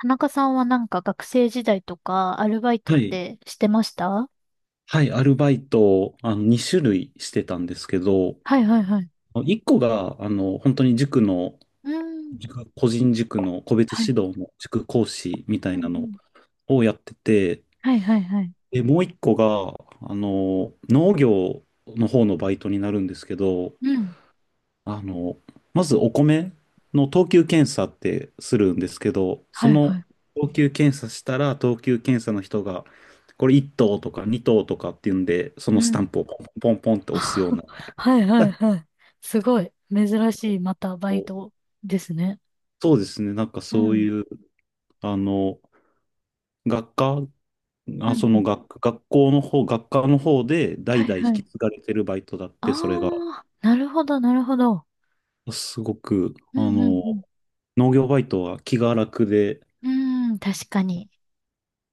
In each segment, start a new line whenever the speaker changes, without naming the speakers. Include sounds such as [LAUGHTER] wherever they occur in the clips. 田中さんはなんか学生時代とかアルバイトっ
はい。
てしてましたは
はい、アルバイトを、2種類してたんですけど、
いはいはい。
1個が、本当に塾の、
うん。
個人塾の個別
はい。
指導の塾講師みた
う
いな
んう
の
ん。
をやってて、
はいはいはい。
で、もう1個が、農業の方のバイトになるんですけど、
うん。
あの、まずお米の等級検査ってするんですけど、
は
そ
いは
の
い。
等級検査したら、等級検査の人が、これ1等とか2等とかっていうんで、そ
う
のスタン
ん。
プをポンポンポンって押すよう
[LAUGHS]
な。
はいはい
[LAUGHS]
はい。すごい。珍しい、またバイトですね。
そうですね、なんか
う
そう
ん。
いう、あの、学科、
うんうん。
学校の方、学科の方で
は
代
い
々引
は
き
い。
継がれてるバイトだっ
あ
て、それが、
あ、なるほど、なるほど。
すごく、
うんうん
農業バイトは気が楽で、
うん。うーん、確かに。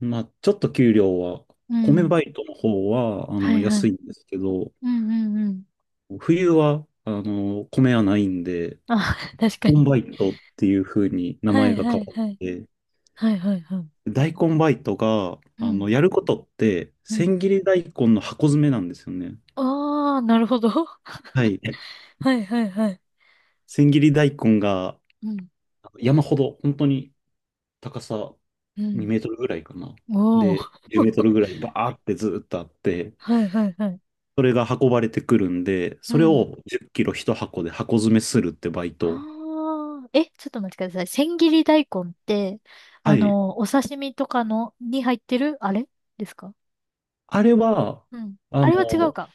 まあ、ちょっと給料は、
う
米
ん。
バイトの方は、
はいは
安
い。
いんですけど、
うんうんうん。
冬は、米はないんで、
あ、[LAUGHS] 確か
コン
に。
バイトっていう風に名
は
前
い
が
は
変
い
わっ
はい。
て、
はいはいはい。
大根バイトが、
うん。
やることって、
うん。
千切り大根の箱詰めなんですよね。
ああ、なるほど。[LAUGHS]
はい。
はいはいはい。
千切り大根が
うん。
山ほど、本当に高さ
う
2
ん。
メートルぐらいかな。
おお。
で、10メート
[LAUGHS]
ルぐらいバーってずっとあって、
はいはいはい。
それが運ばれてくるんで、
う
それ
ん。
を10キロ1箱で箱詰めするってバイト。
はあ。え、ちょっと待ってください。千切り大根って、
はい。
お刺身とかの、に入ってる、あれですか？
あれは、
うん。あ
あの、
れは違うか。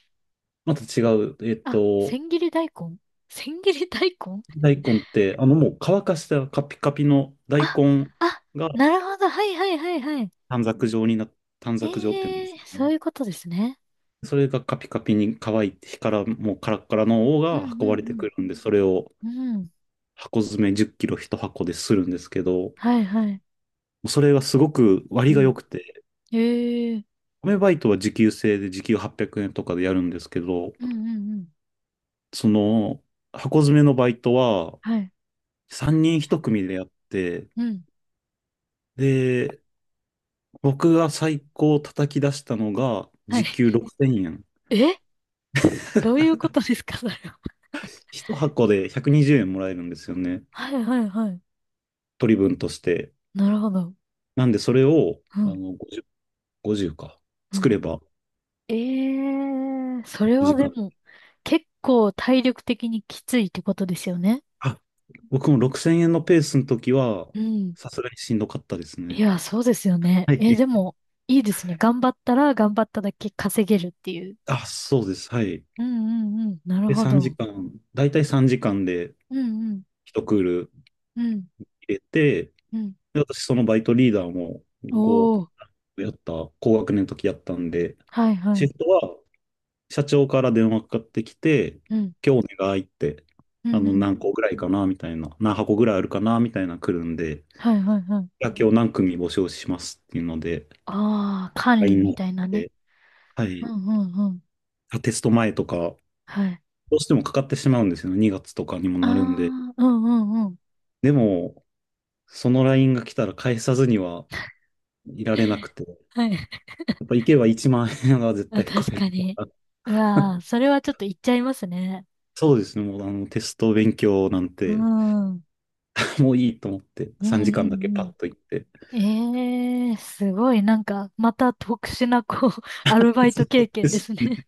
また違う。えっ
あ、
と、
千切り大根千切り大根
大根っ
[LAUGHS]
て、もう乾かしたカピカピの
あ、
大根
あ、
が
なるほど。はいはいはいはい。
短冊状にな、短
え
冊状っていうんで
え
す
ー、
か
そ
ね。
ういうことですね。
それがカピカピに乾いて、火からもうカラッカラの方
うん
が運
う
ばれて
ん
くるんで、それを
うん。うん。
箱詰め10キロ1箱でするんですけど、
はいはい。
それがすごく割
う
が良
ん。
くて、
ええー
アメバイトは時給制で時給800円とかでやるんですけど、
うんうんうん。
その箱詰めのバイトは
はい。
3人1組でやって、
うん。
で、僕が最高叩き出したのが
はい。
時給6000円。
[LAUGHS] えどういうことですか、それは。
1箱で120円もらえるんですよね。
[LAUGHS] はいはいはい。
取り分として。
なるほど。
なんでそれを、
うん。
50か。
う
作
ん。
れば
ええそれ
1
は
時
で
間。
も、結構体力的にきついってことですよね。
あ、僕も6000円のペースの時は、
うん。
さすがにしんどかったです
い
ね。
や、そうですよね。
は
え、で
い。
も、いいですね。頑張ったら頑張っただけ稼げるっていう。
あ、そうです。はい。
うんうんうん。なる
で、
ほ
3時
ど。
間、だいたい3時間で
うんうん。
一クール
うん
入れて、
うん。
で、私そのバイトリーダーも5
おー。
やった、高学年の時やったんで、
はいは
シ
い。
フトは社長から電話かかってきて、
うん。
今日お願いって、
うんうんうんうん。
何箱ぐらいあるかな、みたいな来るんで、い
はいはいはい。
や今日何組募集しますっていうので、
ああ、管理
LINE に
み
なっ
たいなね。
て、は
う
い、
んうんうん。
あテスト前とか、
はい。
どうしてもかかってしまうんですよね、2月とかにも
あ
なるんで。
あ、うんうんうん。
でも、その LINE が来たら返さずには、いられなくて。
はい。
やっぱ行けば1万円は絶
あ、
対超
確
え
か
る。
に。うわー、それはちょっと言っちゃいますね。
そうですね、もうあのテスト勉強なん
う
て、
ん。うん
[LAUGHS] もういいと思って、
う
3時間だけ
ん
パッと行って。
うん。ええー、すごい。なんか、また特殊な、こう、[LAUGHS] アルバイト
そ
経
う
験
で
で
す
すね。
ね、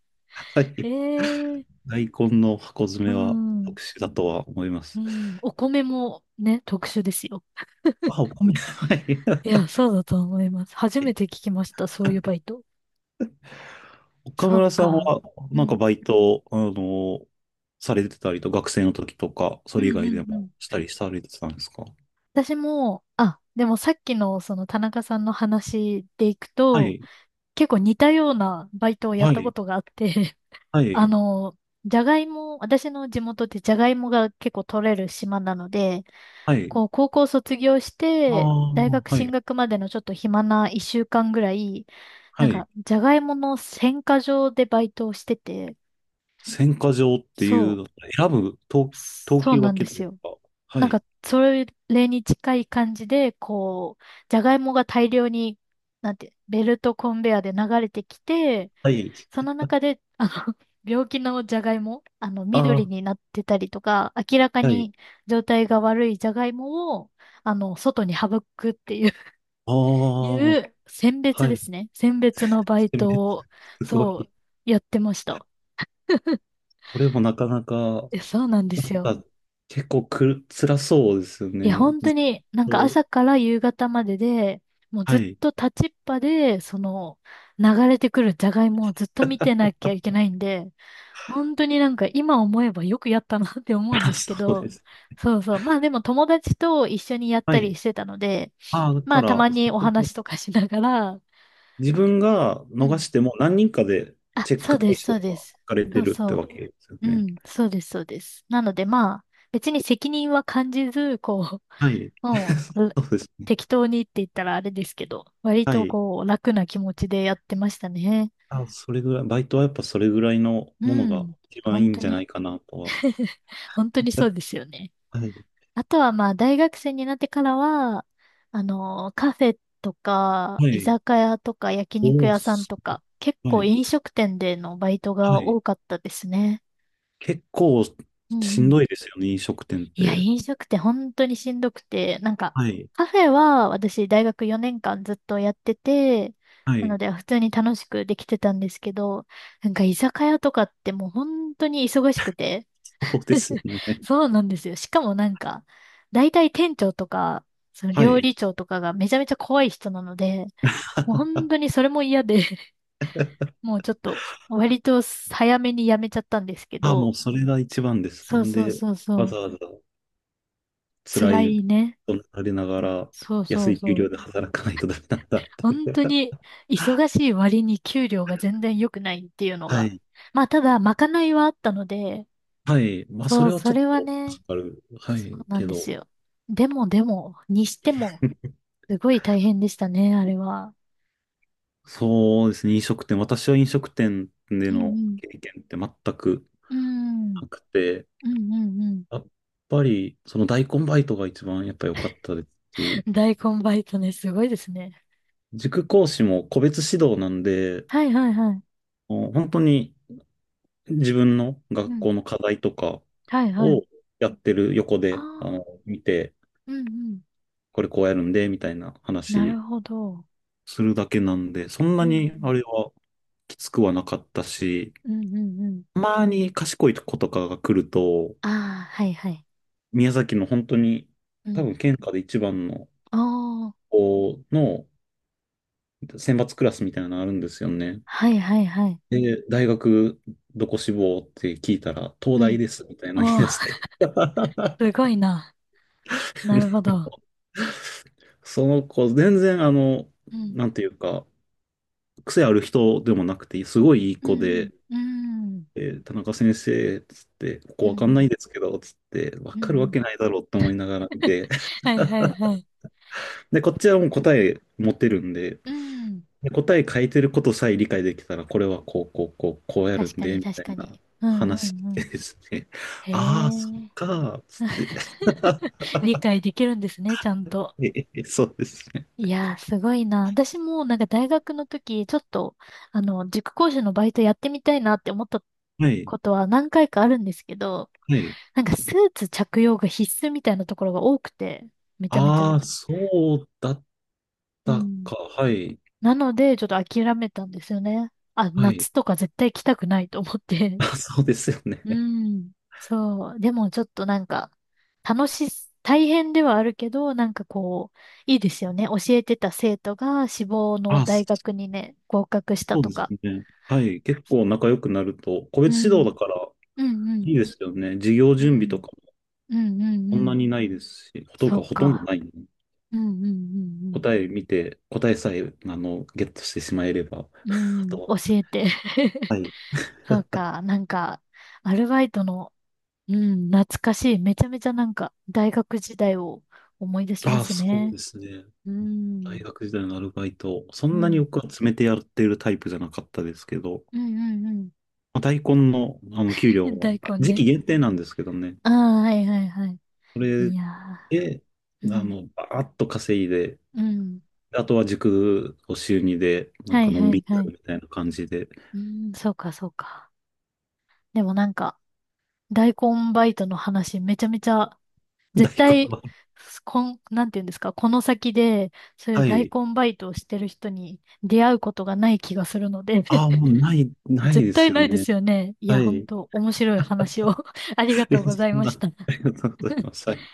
は
[LAUGHS] え
い。
えー、
大根の箱詰
う
めは
ん。
特殊だとは思いま
う
す。
ん。お米もね、特殊ですよ。
はい。
いや、そうだと思います。初めて聞きました。そういうバイト。
岡
そう
村さん
か。
は、
う
なんか
ん。
バイト、されてたりと、学生の時とか、そ
うん
れ以
うん
外で
うん。
もしたりされてたんですか？
私も、あ、でもさっきのその田中さんの話でいく
は
と、
い、
結構似たようなバイトをやっ
は
たこ
い、
とがあって、[LAUGHS]
は
あ
い、
の、じゃがいも、私の地元ってじゃがいもが結構取れる島なので、
はい。
こう高校卒業し
あ
て、大
あ、
学
は
進
い、
学までのちょっと暇な一週間ぐらい、な
は
ん
い。
か、じゃがいもの選果場でバイトをしてて、
選果場ってい
そ
う
う、
の、選ぶ等、等
そう
級
な
分
んで
けと
す
いう
よ。
か、は
なん
い。
か、それに近い感じで、こう、じゃがいもが大量に、なんて、ベルトコンベアで流れてきて、
はい。
その中で、[LAUGHS] 病気のじゃがいも、緑
あ
になってたりとか、明らか
あ、はい。
に状態が悪いじゃがいもを、外に省くっていう [LAUGHS]、
あ
い
あ、
う選
は
別で
い。
すね。選別のバイ
選
ト
別、
を、
すご
そ
い。
う、やってました。[LAUGHS]
それもなかなか、
え、そうなんで
なん
すよ。
か、結構くる、辛そうですよ
いや、
ね。
本当
ずっ
になんか
と。
朝から夕方までで、もうず
は
っ
い。
と立ちっぱで、その流れてくるじゃがいもをずっと見て
[LAUGHS]
なきゃいけないんで、本当になんか今思えばよくやったなって思うん
辛
ですけ
そうで
ど、
す。
そうそう。まあでも友達と一緒にやっ
は
たり
い。
してたので、
ああ、だ
ま
か
あた
ら、
ま
そ
にお
こで
話とかしながら、
自分が
う
逃
ん。
しても何人かで
あ、
チェッ
そ
ク
うで
対
す、
象
そうで
が
す。
置かれ
そ
て
う
るって
そ
わけですよ
う。う
ね。
ん、そうです、そうです。なのでまあ、別に責任は感じず、こ
はい。
う、も
[LAUGHS]
うん、ら
そうですね。
適当にって言ったらあれですけど、割
は
と
い。
こう、楽な気持ちでやってましたね。
あ、それぐらい、バイトはやっぱそれぐらいの
う
ものが
ん。
一番い
本
いん
当
じゃな
に、
いかなとは。
本当にそうですよね。
はい。
あとはまあ、大学生になってからは、カフェとか、
は
居
い。
酒屋とか、焼肉
おー、
屋さん
す
とか、結
は
構
い。
飲食店でのバイト
は
が
い。
多かったですね。
結構
うんう
しん
ん。
どいですよね、飲食店っ
いや、
て。
飲食って本当にしんどくて、なんか、
はい。
カフェは私大学4年間ずっとやってて、
は
なの
い。
で普通に楽しくできてたんですけど、なんか居酒屋とかってもう本当に忙しくて。
そうですよ
[LAUGHS]
ね。
そうなんですよ。しかもなんか、大体店長とか、その
は
料
い。
理長とかがめちゃめちゃ怖い人なので、もう本
[LAUGHS]
当にそれも嫌で、[LAUGHS] もうちょっと割と早めに辞めちゃったんですけ
あ、も
ど、
うそれが一番です。な
そう
ん
そう
で、
そうそ
わ
う、
ざわざ辛
辛
い
いね。
となりながら、
そうそ
安
う
い給
そう。
料で働かないとダメなんだっ
本
て。
当に忙しい割に給料が全然良くないっていうの
は
が。
い。
まあただ、まかないはあったので、
はい。まあ、そ
そう、
れはち
そ
ょっ
れは
と
ね、
助かる。は
そう
い。
なん
け
で
ど、
すよ。でもでも、にしても、すごい大変でしたね、あれは。
そうですね、飲食店。私は飲食店で
う
の
ん
経験って全く
うん。うん。
なくて、
うんうん
やっぱり、その大根バイトが一番やっぱ良かったですし、
うん。大根バイトね、すごいですね。
塾講師も個別指導なんで、
はいはいはい。
もう本当に自分の
う
学
ん。
校の課題とか
はいはい。
をやってる横
あ
で、
あ、
見て、
うんうん。
これこうやるんで、みたいな
なる
話
ほど。
するだけなんで、そん
う
な
んう
にあ
ん。
れはきつくはなかったし、
うんうんうん。
たまに賢い子とかが来ると、
ああ、はいはい。
宮崎の本当に、
う
多
ん。
分県下で一番の
ああ、
子の選抜クラスみたいなのがあるんですよね。
はいはいはい。
で、大学どこ志望って聞いたら、東
う
大
ん。
ですみたいな言い
おー、
出して、
[LAUGHS] すごいな。なるほ
[LAUGHS]
ど。
その子、全然あの、
うん、
なんていうか、癖ある人でもなくて、すごいいい
う
子
ん、
で、
うん、
えー田中先生、つって、こ
うん、
こ
う
わかんな
ん、
いですけど、つって、わ
うん、う
かるわ
ん。
けないだろうと思いながら見て、
[LAUGHS] はいはいはい。
で、こっちはもう答え持ってるんで、
うん。
で答え書いてることさえ理解できたら、これはこうやるん
確かに
で、み
確
たい
か
な
に。うんう
話
んうん。
ですね。[LAUGHS]
へ
ああ、そっ
え。
か、つって。[LAUGHS]
[LAUGHS] 理解できるんですね、ちゃんと。
ええそうですね。
いやー、すごいな。私もなんか大学の時、ちょっと、塾講師のバイトやってみたいなって思った
はい、
ことは何回かあるんですけど、
はい。
なんかスーツ着用が必須みたいなところが多くて、めちゃめちゃ。
ああ、そうだっ
う
た
ん。
か。はい、
なので、ちょっと諦めたんですよね。あ、
はい。
夏とか絶対来たくないと思って。
あ、そうですよね。
うん。そう。でもちょっとなんか、楽しい、大変ではあるけど、なんかこう、いいですよね。教えてた生徒が志望の
あ、そ
大学にね、合格した
う
と
です
か。
ね。はい。結構仲良くなると、個
う
別指導
ん。
だから
うんうん。
いいですよね。授業
う
準備と
ん。
かも
うんうん
そん
う
な
ん。
にないですし、
そう
ほとんど
か。
ない、
うんうん
答え見て、答えさえ、ゲットしてしまえれば。
うんうん。うん。
と、
教えて。
は
[LAUGHS]
い。
そうか。なんか、アルバイトのうん、懐かしい。めちゃめちゃなんか、大学時代を思い出しま
ああ、
す
そう
ね。
ですね。
う
大
ん、
学時代のアルバイト、そん
う
なに
ん、
僕は詰めてやってるタイプじゃなかったですけど、
うん、うん、うん。
まあ、大根の、あの給料
[LAUGHS]
は
大根
時
ね。
期限定なんですけどね、
ああ、はいはいはい。
そ
い
れ
や
で、
ー、うん、
バーッと稼いで、
うん。
あとは塾を週にで、なん
はい
かの
は
んび
い
り
は
やる
い。
みたいな感じで、
うん、そうかそうか。でもなんか、大根バイトの話、めちゃめちゃ、
大
絶
根
対、
は、
こん、なんていうんですか、この先で、そういう
は
大
い。
根バイトをしてる人に出会うことがない気がするので。
ああ、もうない、ない
絶
で
対
すよ
ないで
ね。
すよね。いや、
は
本
い。
当面白い話を [LAUGHS] ありが
え、
とうござい
そん
ま
な、
した。
ありがとうございます。はい